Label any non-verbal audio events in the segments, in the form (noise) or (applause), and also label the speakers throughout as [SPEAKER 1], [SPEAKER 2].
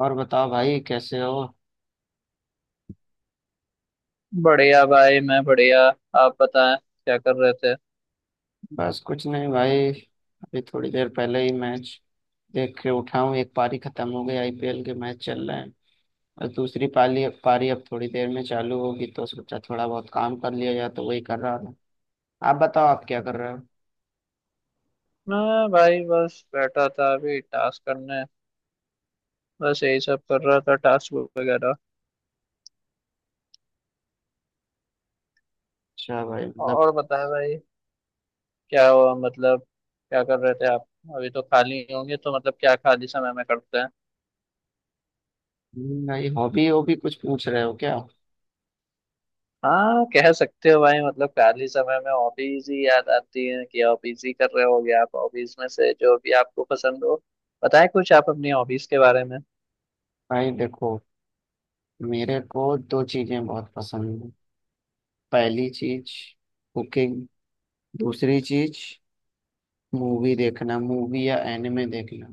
[SPEAKER 1] और बताओ भाई कैसे हो।
[SPEAKER 2] बढ़िया भाई, मैं बढ़िया। आप बताएं क्या कर रहे थे।
[SPEAKER 1] बस कुछ नहीं भाई। अभी थोड़ी देर पहले ही मैच देख के उठा हूँ। एक पारी खत्म हो गई, आईपीएल के मैच चल रहे हैं और दूसरी पाली पारी अब थोड़ी देर में चालू होगी, तो सोचा थोड़ा बहुत काम कर लिया जाए, तो वही कर रहा था। आप बताओ, आप क्या कर रहे हो।
[SPEAKER 2] मैं भाई बस बैठा था अभी टास्क करने। बस यही सब कर रहा था टास्क वगैरह।
[SPEAKER 1] अच्छा भाई, मतलब
[SPEAKER 2] और बताएं भाई, क्या हुआ मतलब, क्या कर रहे थे आप। अभी तो खाली होंगे तो मतलब क्या खाली समय में करते हैं।
[SPEAKER 1] भाई हॉबी हॉबी कुछ पूछ रहे हो क्या।
[SPEAKER 2] हाँ कह सकते हो भाई, मतलब खाली समय में हॉबीज ही याद आती है कि हॉबीज ही कर रहे होगे आप। हॉबीज में से जो भी आपको पसंद हो बताएं कुछ आप अपनी हॉबीज के बारे में।
[SPEAKER 1] भाई देखो, मेरे को दो चीजें बहुत पसंद है। पहली चीज कुकिंग, दूसरी चीज मूवी देखना, मूवी या एनिमे देखना।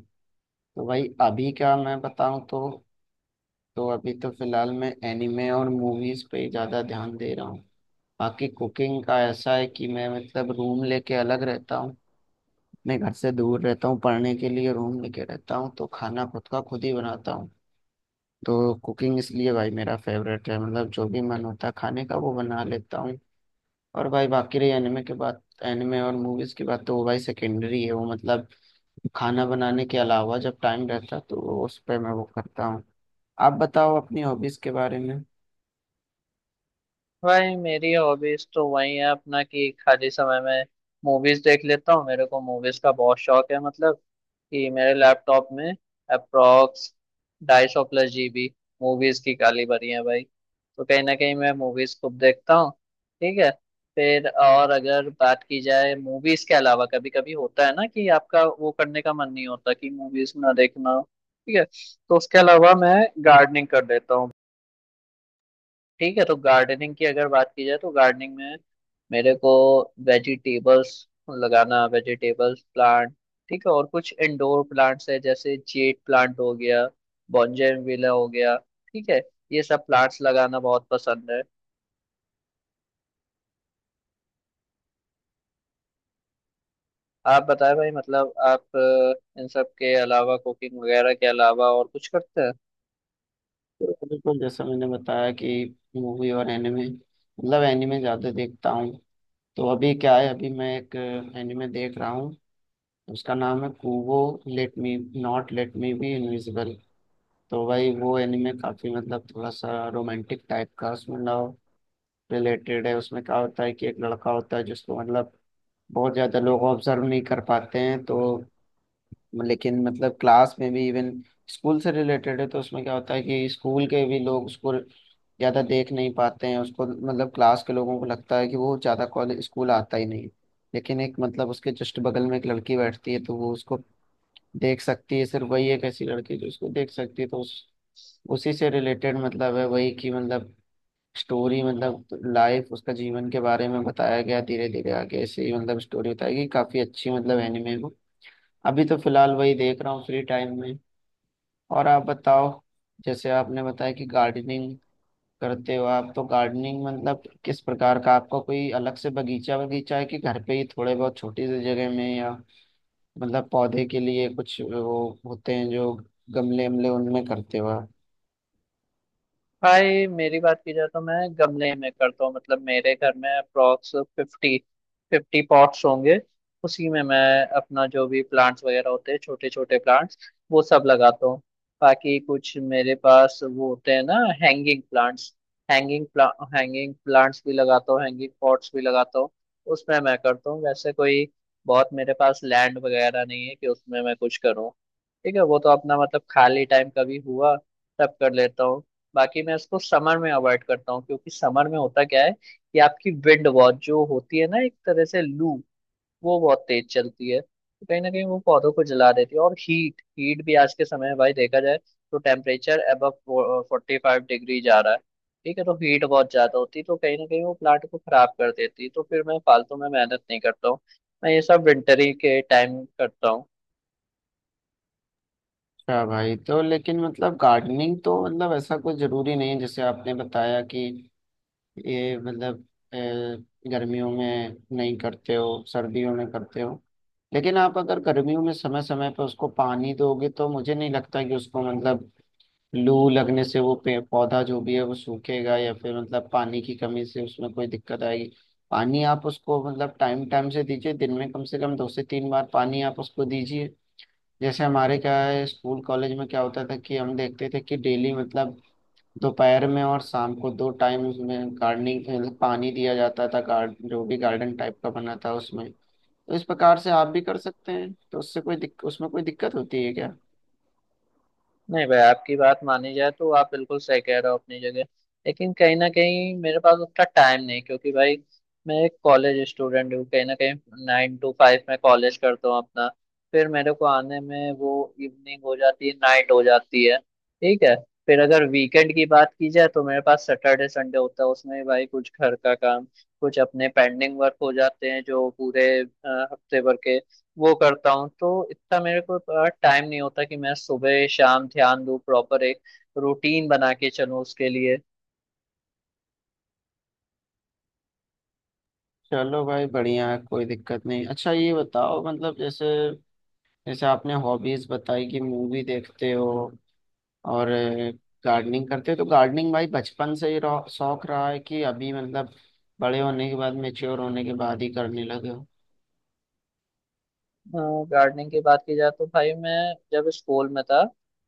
[SPEAKER 1] तो भाई अभी का मैं बताऊं तो, अभी तो फिलहाल मैं एनिमे और मूवीज पे ही ज्यादा ध्यान दे रहा हूँ। बाकी कुकिंग का ऐसा है कि मैं मतलब रूम लेके अलग रहता हूँ। मैं घर से दूर रहता हूँ, पढ़ने के लिए रूम लेके रहता हूँ, तो खाना खुद का खुद ही बनाता हूँ। तो कुकिंग इसलिए भाई मेरा फेवरेट है, मतलब जो भी मन होता है खाने का वो बना लेता हूँ। और भाई बाकी रही एनिमे और मूवीज की बात, तो वो भाई सेकेंडरी है। वो मतलब खाना बनाने के अलावा जब टाइम रहता है, तो उस पर मैं वो करता हूँ। आप बताओ अपनी हॉबीज के बारे में।
[SPEAKER 2] भाई मेरी हॉबीज तो वही है अपना कि खाली समय में मूवीज देख लेता हूँ। मेरे को मूवीज का बहुत शौक है, मतलब कि मेरे लैपटॉप में अप्रॉक्स 250+ GB मूवीज की काली भरी है भाई। तो कहीं ना कहीं मैं मूवीज खूब देखता हूँ। ठीक है। फिर और अगर बात की जाए मूवीज के अलावा, कभी कभी होता है ना कि आपका वो करने का मन नहीं होता कि मूवीज ना देखना हो, ठीक है। तो उसके अलावा मैं गार्डनिंग कर लेता हूँ। ठीक है। तो गार्डनिंग की अगर बात की जाए तो गार्डनिंग में मेरे को वेजिटेबल्स लगाना, वेजिटेबल्स प्लांट, ठीक है। और कुछ इंडोर प्लांट्स है, जैसे जेड प्लांट हो गया, बॉन्जेनविला हो गया, ठीक है। ये सब प्लांट्स लगाना बहुत पसंद है। आप बताएं भाई, मतलब आप इन सब के अलावा, कुकिंग वगैरह के अलावा और कुछ करते हैं।
[SPEAKER 1] बिल्कुल, जैसा मैंने बताया कि मूवी और एनिमे, मतलब एनिमे ज़्यादा देखता हूँ। तो अभी क्या है, अभी मैं एक एनिमे देख रहा हूँ। उसका नाम है Kubo, let me not let me be invisible. तो भाई वो एनिमे काफ़ी मतलब थोड़ा सा रोमांटिक टाइप का, उसमें लव रिलेटेड है। उसमें क्या होता है कि एक लड़का होता है जिसको मतलब बहुत ज़्यादा लोग ऑब्जर्व नहीं कर पाते हैं, तो लेकिन मतलब क्लास में भी इवन, स्कूल से रिलेटेड है, तो उसमें क्या होता है कि स्कूल के भी लोग उसको ज़्यादा देख नहीं पाते हैं, उसको मतलब क्लास के लोगों को लगता है कि वो ज़्यादा कॉलेज स्कूल आता ही नहीं। लेकिन एक मतलब उसके जस्ट बगल में एक लड़की बैठती है, तो वो उसको देख सकती है, सिर्फ वही एक ऐसी लड़की है जो उसको देख सकती है, तो उस उसी से रिलेटेड मतलब है, वही की मतलब स्टोरी, मतलब लाइफ, उसका जीवन के बारे में बताया गया। धीरे धीरे आगे ऐसे ही मतलब स्टोरी बताई गई, काफ़ी अच्छी मतलब एनिमे वो। अभी तो फिलहाल वही देख रहा हूँ फ्री टाइम में। और आप बताओ, जैसे आपने बताया कि गार्डनिंग करते हो आप, तो गार्डनिंग मतलब किस प्रकार का, आपका कोई अलग से बगीचा बगीचा है कि घर पे ही थोड़े बहुत छोटी सी जगह में, या मतलब पौधे के लिए कुछ वो होते हैं जो गमले वमले उनमें करते हो आप।
[SPEAKER 2] भाई मेरी बात की जाए तो मैं गमले में करता हूँ। मतलब मेरे घर में अप्रोक्स फिफ्टी फिफ्टी पॉट्स होंगे। उसी में मैं अपना जो भी प्लांट्स वगैरह होते हैं, छोटे छोटे प्लांट्स, वो सब लगाता हूँ। बाकी कुछ मेरे पास वो होते हैं ना, हैंगिंग प्लांट्स। हैंगिंग प्ला हैंगिंग प्लांट्स भी लगाता हूँ, हैंगिंग पॉट्स भी लगाता हूँ। उसमें मैं करता हूँ। वैसे कोई बहुत मेरे पास लैंड वगैरह नहीं है कि उसमें मैं कुछ करूँ। ठीक है, वो तो अपना मतलब खाली टाइम कभी हुआ तब कर लेता हूँ। बाकी मैं इसको समर में अवॉइड करता हूँ, क्योंकि समर में होता क्या है कि आपकी विंड बहुत जो होती है ना, एक तरह से लू, वो बहुत तेज चलती है तो कहीं ना कहीं वो पौधों को जला देती है। और हीट हीट भी आज के समय में भाई देखा जाए तो टेम्परेचर अबव 45 डिग्री जा रहा है, ठीक है। तो हीट बहुत ज्यादा होती है तो कहीं ना कहीं वो प्लांट को खराब कर देती है, तो फिर मैं फालतू में मेहनत नहीं करता हूँ। मैं ये सब विंटर ही के टाइम करता हूँ।
[SPEAKER 1] अच्छा भाई, तो लेकिन मतलब गार्डनिंग तो मतलब ऐसा कुछ जरूरी नहीं है, जैसे आपने बताया कि ये मतलब अ, गर्मियों में नहीं करते हो, सर्दियों में करते हो। लेकिन आप अगर गर्मियों में समय समय पर उसको पानी दोगे, तो मुझे नहीं लगता कि उसको मतलब लू लगने से वो पे पौधा जो भी है वो सूखेगा या फिर मतलब पानी की कमी से उसमें कोई दिक्कत आएगी। पानी आप उसको मतलब टाइम टाइम से दीजिए, दिन में कम से कम दो से तीन बार पानी आप उसको दीजिए। जैसे हमारे क्या है, स्कूल कॉलेज में क्या होता था कि हम देखते थे कि डेली मतलब दोपहर में और शाम को दो टाइम उसमें गार्डनिंग पानी दिया जाता था, गार्ड जो भी गार्डन टाइप का बना था उसमें। तो इस प्रकार से आप भी कर सकते हैं, तो उससे कोई उसमें कोई दिक्कत होती है क्या।
[SPEAKER 2] नहीं भाई, आपकी बात मानी जाए तो आप बिल्कुल सही कह रहे हो अपनी जगह। लेकिन कहीं ना कहीं मेरे पास उतना टाइम नहीं, क्योंकि भाई मैं एक कॉलेज स्टूडेंट हूँ, कहीं ना कहीं 9 to 5 में कॉलेज करता हूँ अपना। फिर मेरे को आने में वो इवनिंग हो जाती है, नाइट हो जाती है, ठीक है। फिर अगर वीकेंड की बात की जाए तो मेरे पास सैटरडे संडे होता है। उसमें भाई कुछ घर का काम, कुछ अपने पेंडिंग वर्क हो जाते हैं जो पूरे हफ्ते भर के, वो करता हूँ। तो इतना मेरे को टाइम नहीं होता कि मैं सुबह शाम ध्यान दूँ, प्रॉपर एक रूटीन बना के चलूँ उसके लिए।
[SPEAKER 1] चलो भाई बढ़िया है, कोई दिक्कत नहीं। अच्छा ये बताओ मतलब, जैसे जैसे आपने हॉबीज बताई कि मूवी देखते हो और गार्डनिंग करते हो, तो गार्डनिंग भाई बचपन से ही शौक रहा है कि अभी मतलब बड़े होने के बाद, मेच्योर होने के बाद ही करने लगे हो।
[SPEAKER 2] गार्डनिंग की बात की जाए तो भाई, मैं जब स्कूल में था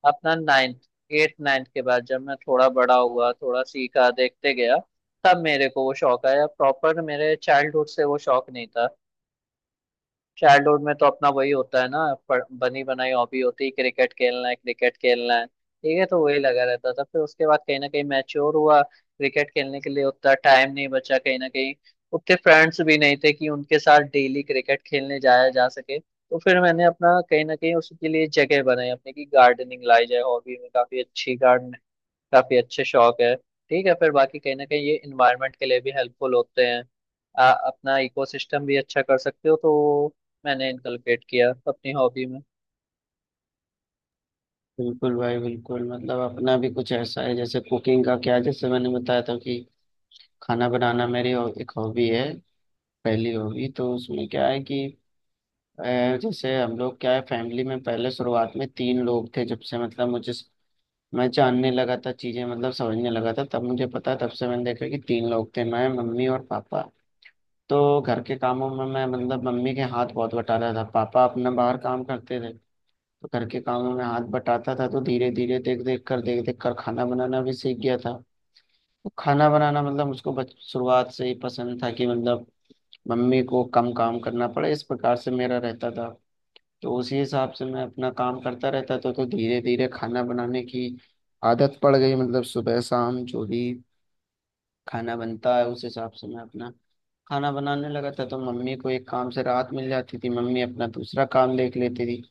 [SPEAKER 2] अपना 9th, 8th 9th के बाद जब मैं थोड़ा बड़ा हुआ, थोड़ा सीखा, देखते गया, तब मेरे को वो शौक आया प्रॉपर। मेरे चाइल्डहुड से वो शौक नहीं था। चाइल्डहुड में तो अपना वही होता है ना, बनी बनाई हॉबी होती है, क्रिकेट खेलना है, क्रिकेट खेलना है, ठीक है। तो वही लगा रहता था। फिर उसके बाद कहीं ना कहीं मैच्योर हुआ, क्रिकेट खेलने के लिए उतना टाइम नहीं बचा, कहीं ना कहीं उतने फ्रेंड्स भी नहीं थे कि उनके साथ डेली क्रिकेट खेलने जाया जा सके। तो फिर मैंने अपना कहीं ना कहीं उसके लिए जगह बनाई अपने की गार्डनिंग लाई जाए हॉबी में। काफी अच्छी गार्डन काफी अच्छे शौक है, ठीक है। फिर बाकी कहीं ना कहीं ये इन्वायरमेंट के लिए भी हेल्पफुल होते हैं। अपना इकोसिस्टम भी अच्छा कर सकते हो तो वो मैंने इनकलकेट किया अपनी हॉबी में।
[SPEAKER 1] बिल्कुल भाई बिल्कुल, मतलब अपना भी कुछ ऐसा है, जैसे कुकिंग का क्या है, जैसे मैंने बताया था कि खाना बनाना मेरी एक हॉबी है, पहली हॉबी। तो उसमें क्या है कि अ, जैसे हम लोग क्या है, फैमिली में पहले शुरुआत में तीन लोग थे, जब से मतलब मुझे मैं जानने लगा था चीजें मतलब समझने लगा था, तब मुझे पता, तब से मैंने देखा कि तीन लोग थे, मैं मम्मी और पापा। तो घर के कामों में मैं मतलब मम्मी के हाथ बहुत बटाता था, पापा अपना बाहर काम करते थे। तो घर के कामों में हाथ बटाता था, तो धीरे धीरे देख देख कर खाना बनाना भी सीख गया था। तो खाना बनाना मतलब उसको बच शुरुआत से ही पसंद था कि मतलब मम्मी को कम काम करना पड़े, इस प्रकार से मेरा रहता था। तो उसी हिसाब से मैं अपना काम करता रहता था, तो धीरे धीरे खाना बनाने की आदत पड़ गई। मतलब सुबह शाम जो भी खाना बनता है उस हिसाब से मैं अपना खाना बनाने लगा था, तो मम्मी को एक काम से राहत मिल जाती थी, मम्मी अपना दूसरा काम देख लेती थी।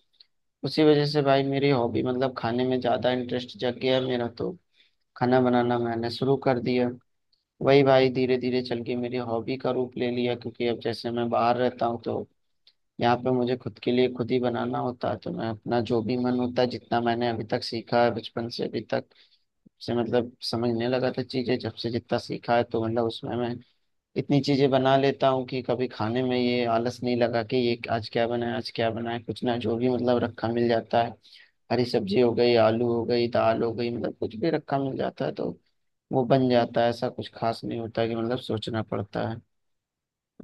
[SPEAKER 1] उसी वजह से भाई मेरी हॉबी मतलब खाने में ज्यादा इंटरेस्ट जग गया है मेरा, तो खाना बनाना मैंने शुरू कर दिया। वही भाई धीरे धीरे चल के मेरी हॉबी का रूप ले लिया, क्योंकि अब जैसे मैं बाहर रहता हूँ, तो यहाँ पे मुझे खुद के लिए खुद ही बनाना होता है, तो मैं अपना जो भी मन होता है, जितना मैंने अभी तक सीखा है, बचपन से अभी तक से मतलब समझने लगा था चीजें जब से, जितना सीखा है तो मतलब उसमें मैं इतनी चीजें बना लेता हूँ कि कभी खाने में ये आलस नहीं लगा कि ये आज क्या बनाए। कुछ ना, जो भी मतलब रखा मिल जाता है, हरी सब्जी हो गई, आलू हो गई, दाल हो गई, मतलब कुछ भी रखा मिल जाता है, तो वो बन जाता है, ऐसा कुछ खास नहीं होता कि मतलब सोचना पड़ता है।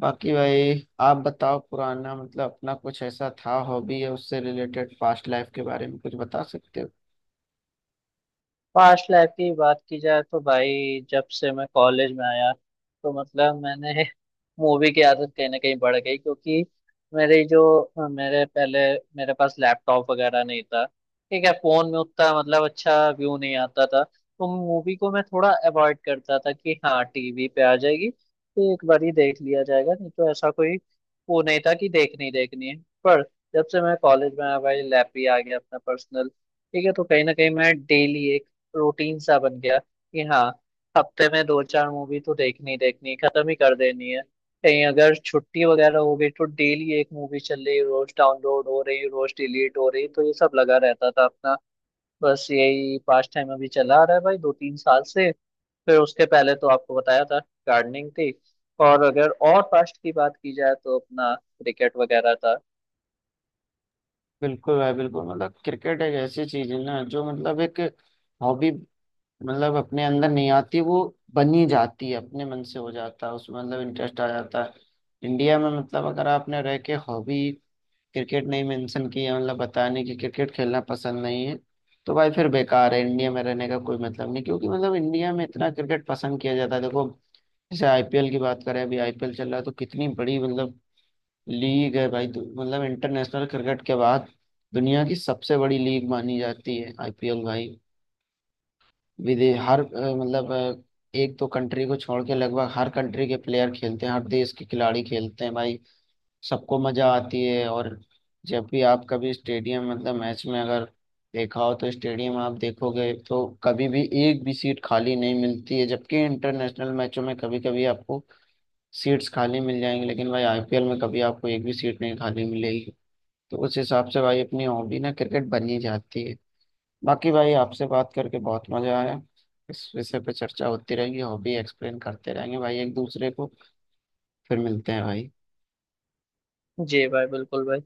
[SPEAKER 1] बाकी भाई आप बताओ, पुराना मतलब अपना कुछ ऐसा था हॉबी या उससे रिलेटेड, पास्ट लाइफ के बारे में कुछ बता सकते हो।
[SPEAKER 2] पास्ट लाइफ की बात की जाए तो भाई, जब से मैं कॉलेज में आया तो मतलब मैंने (laughs) मूवी की आदत कहीं ना कहीं बढ़ गई, क्योंकि मेरे जो मेरे पहले मेरे पास लैपटॉप वगैरह नहीं था, ठीक है। फोन में उतना मतलब अच्छा व्यू नहीं आता था तो मूवी को मैं थोड़ा अवॉइड करता था कि हाँ, टीवी पे आ जाएगी तो एक बार ही देख लिया जाएगा, नहीं तो ऐसा कोई वो नहीं था कि देखनी ही देखनी है। पर जब से मैं कॉलेज में आया भाई, लैप भी आ गया अपना पर्सनल, ठीक है। तो कहीं ना कहीं मैं डेली एक रूटीन सा बन गया कि हाँ, हफ्ते में दो चार मूवी तो देखनी देखनी खत्म ही कर देनी है। कहीं अगर छुट्टी वगैरह हो गई तो डेली एक मूवी चल रही, रोज डाउनलोड हो रही, रोज डिलीट हो रही, तो ये सब लगा रहता था अपना। बस यही पास्ट टाइम अभी चला आ रहा है भाई, दो तीन साल से। फिर उसके पहले तो आपको बताया था गार्डनिंग थी। और अगर और पास्ट की बात की जाए तो अपना क्रिकेट वगैरह था।
[SPEAKER 1] बिल्कुल भाई बिल्कुल, मतलब क्रिकेट एक ऐसी चीज है ना जो मतलब एक हॉबी मतलब अपने अंदर नहीं आती, वो बनी जाती है, अपने मन से हो जाता है उसमें मतलब इंटरेस्ट आ जाता है। इंडिया में मतलब अगर आपने रह के हॉबी क्रिकेट नहीं मेंशन किया, मतलब बताने कि क्रिकेट खेलना पसंद नहीं है, तो भाई फिर बेकार है, इंडिया में रहने का कोई मतलब नहीं, क्योंकि मतलब इंडिया में इतना क्रिकेट पसंद किया जाता है। देखो जैसे आईपीएल की बात करें, अभी आईपीएल चल रहा है, तो कितनी बड़ी मतलब लीग है भाई, मतलब इंटरनेशनल क्रिकेट के बाद दुनिया की सबसे बड़ी लीग मानी जाती है आईपीएल भाई। विदेश, हर अ, मतलब अ, एक दो कंट्री को छोड़ के लगभग हर कंट्री के प्लेयर खेलते हैं, हर देश के खिलाड़ी खेलते हैं भाई, सबको मजा आती है। और जब भी आप कभी स्टेडियम मतलब मैच में अगर देखा हो तो स्टेडियम आप देखोगे तो कभी भी एक भी सीट खाली नहीं मिलती है, जबकि इंटरनेशनल मैचों में कभी कभी आपको सीट्स खाली मिल जाएंगी, लेकिन भाई आईपीएल में कभी आपको एक भी सीट नहीं खाली मिलेगी। तो उस हिसाब से भाई अपनी हॉबी ना क्रिकेट बन ही जाती है। बाकी भाई आपसे बात करके बहुत मजा आया, इस विषय पे चर्चा होती रहेगी, हॉबी एक्सप्लेन करते रहेंगे भाई एक दूसरे को। फिर मिलते हैं भाई।
[SPEAKER 2] जी भाई, बिल्कुल भाई।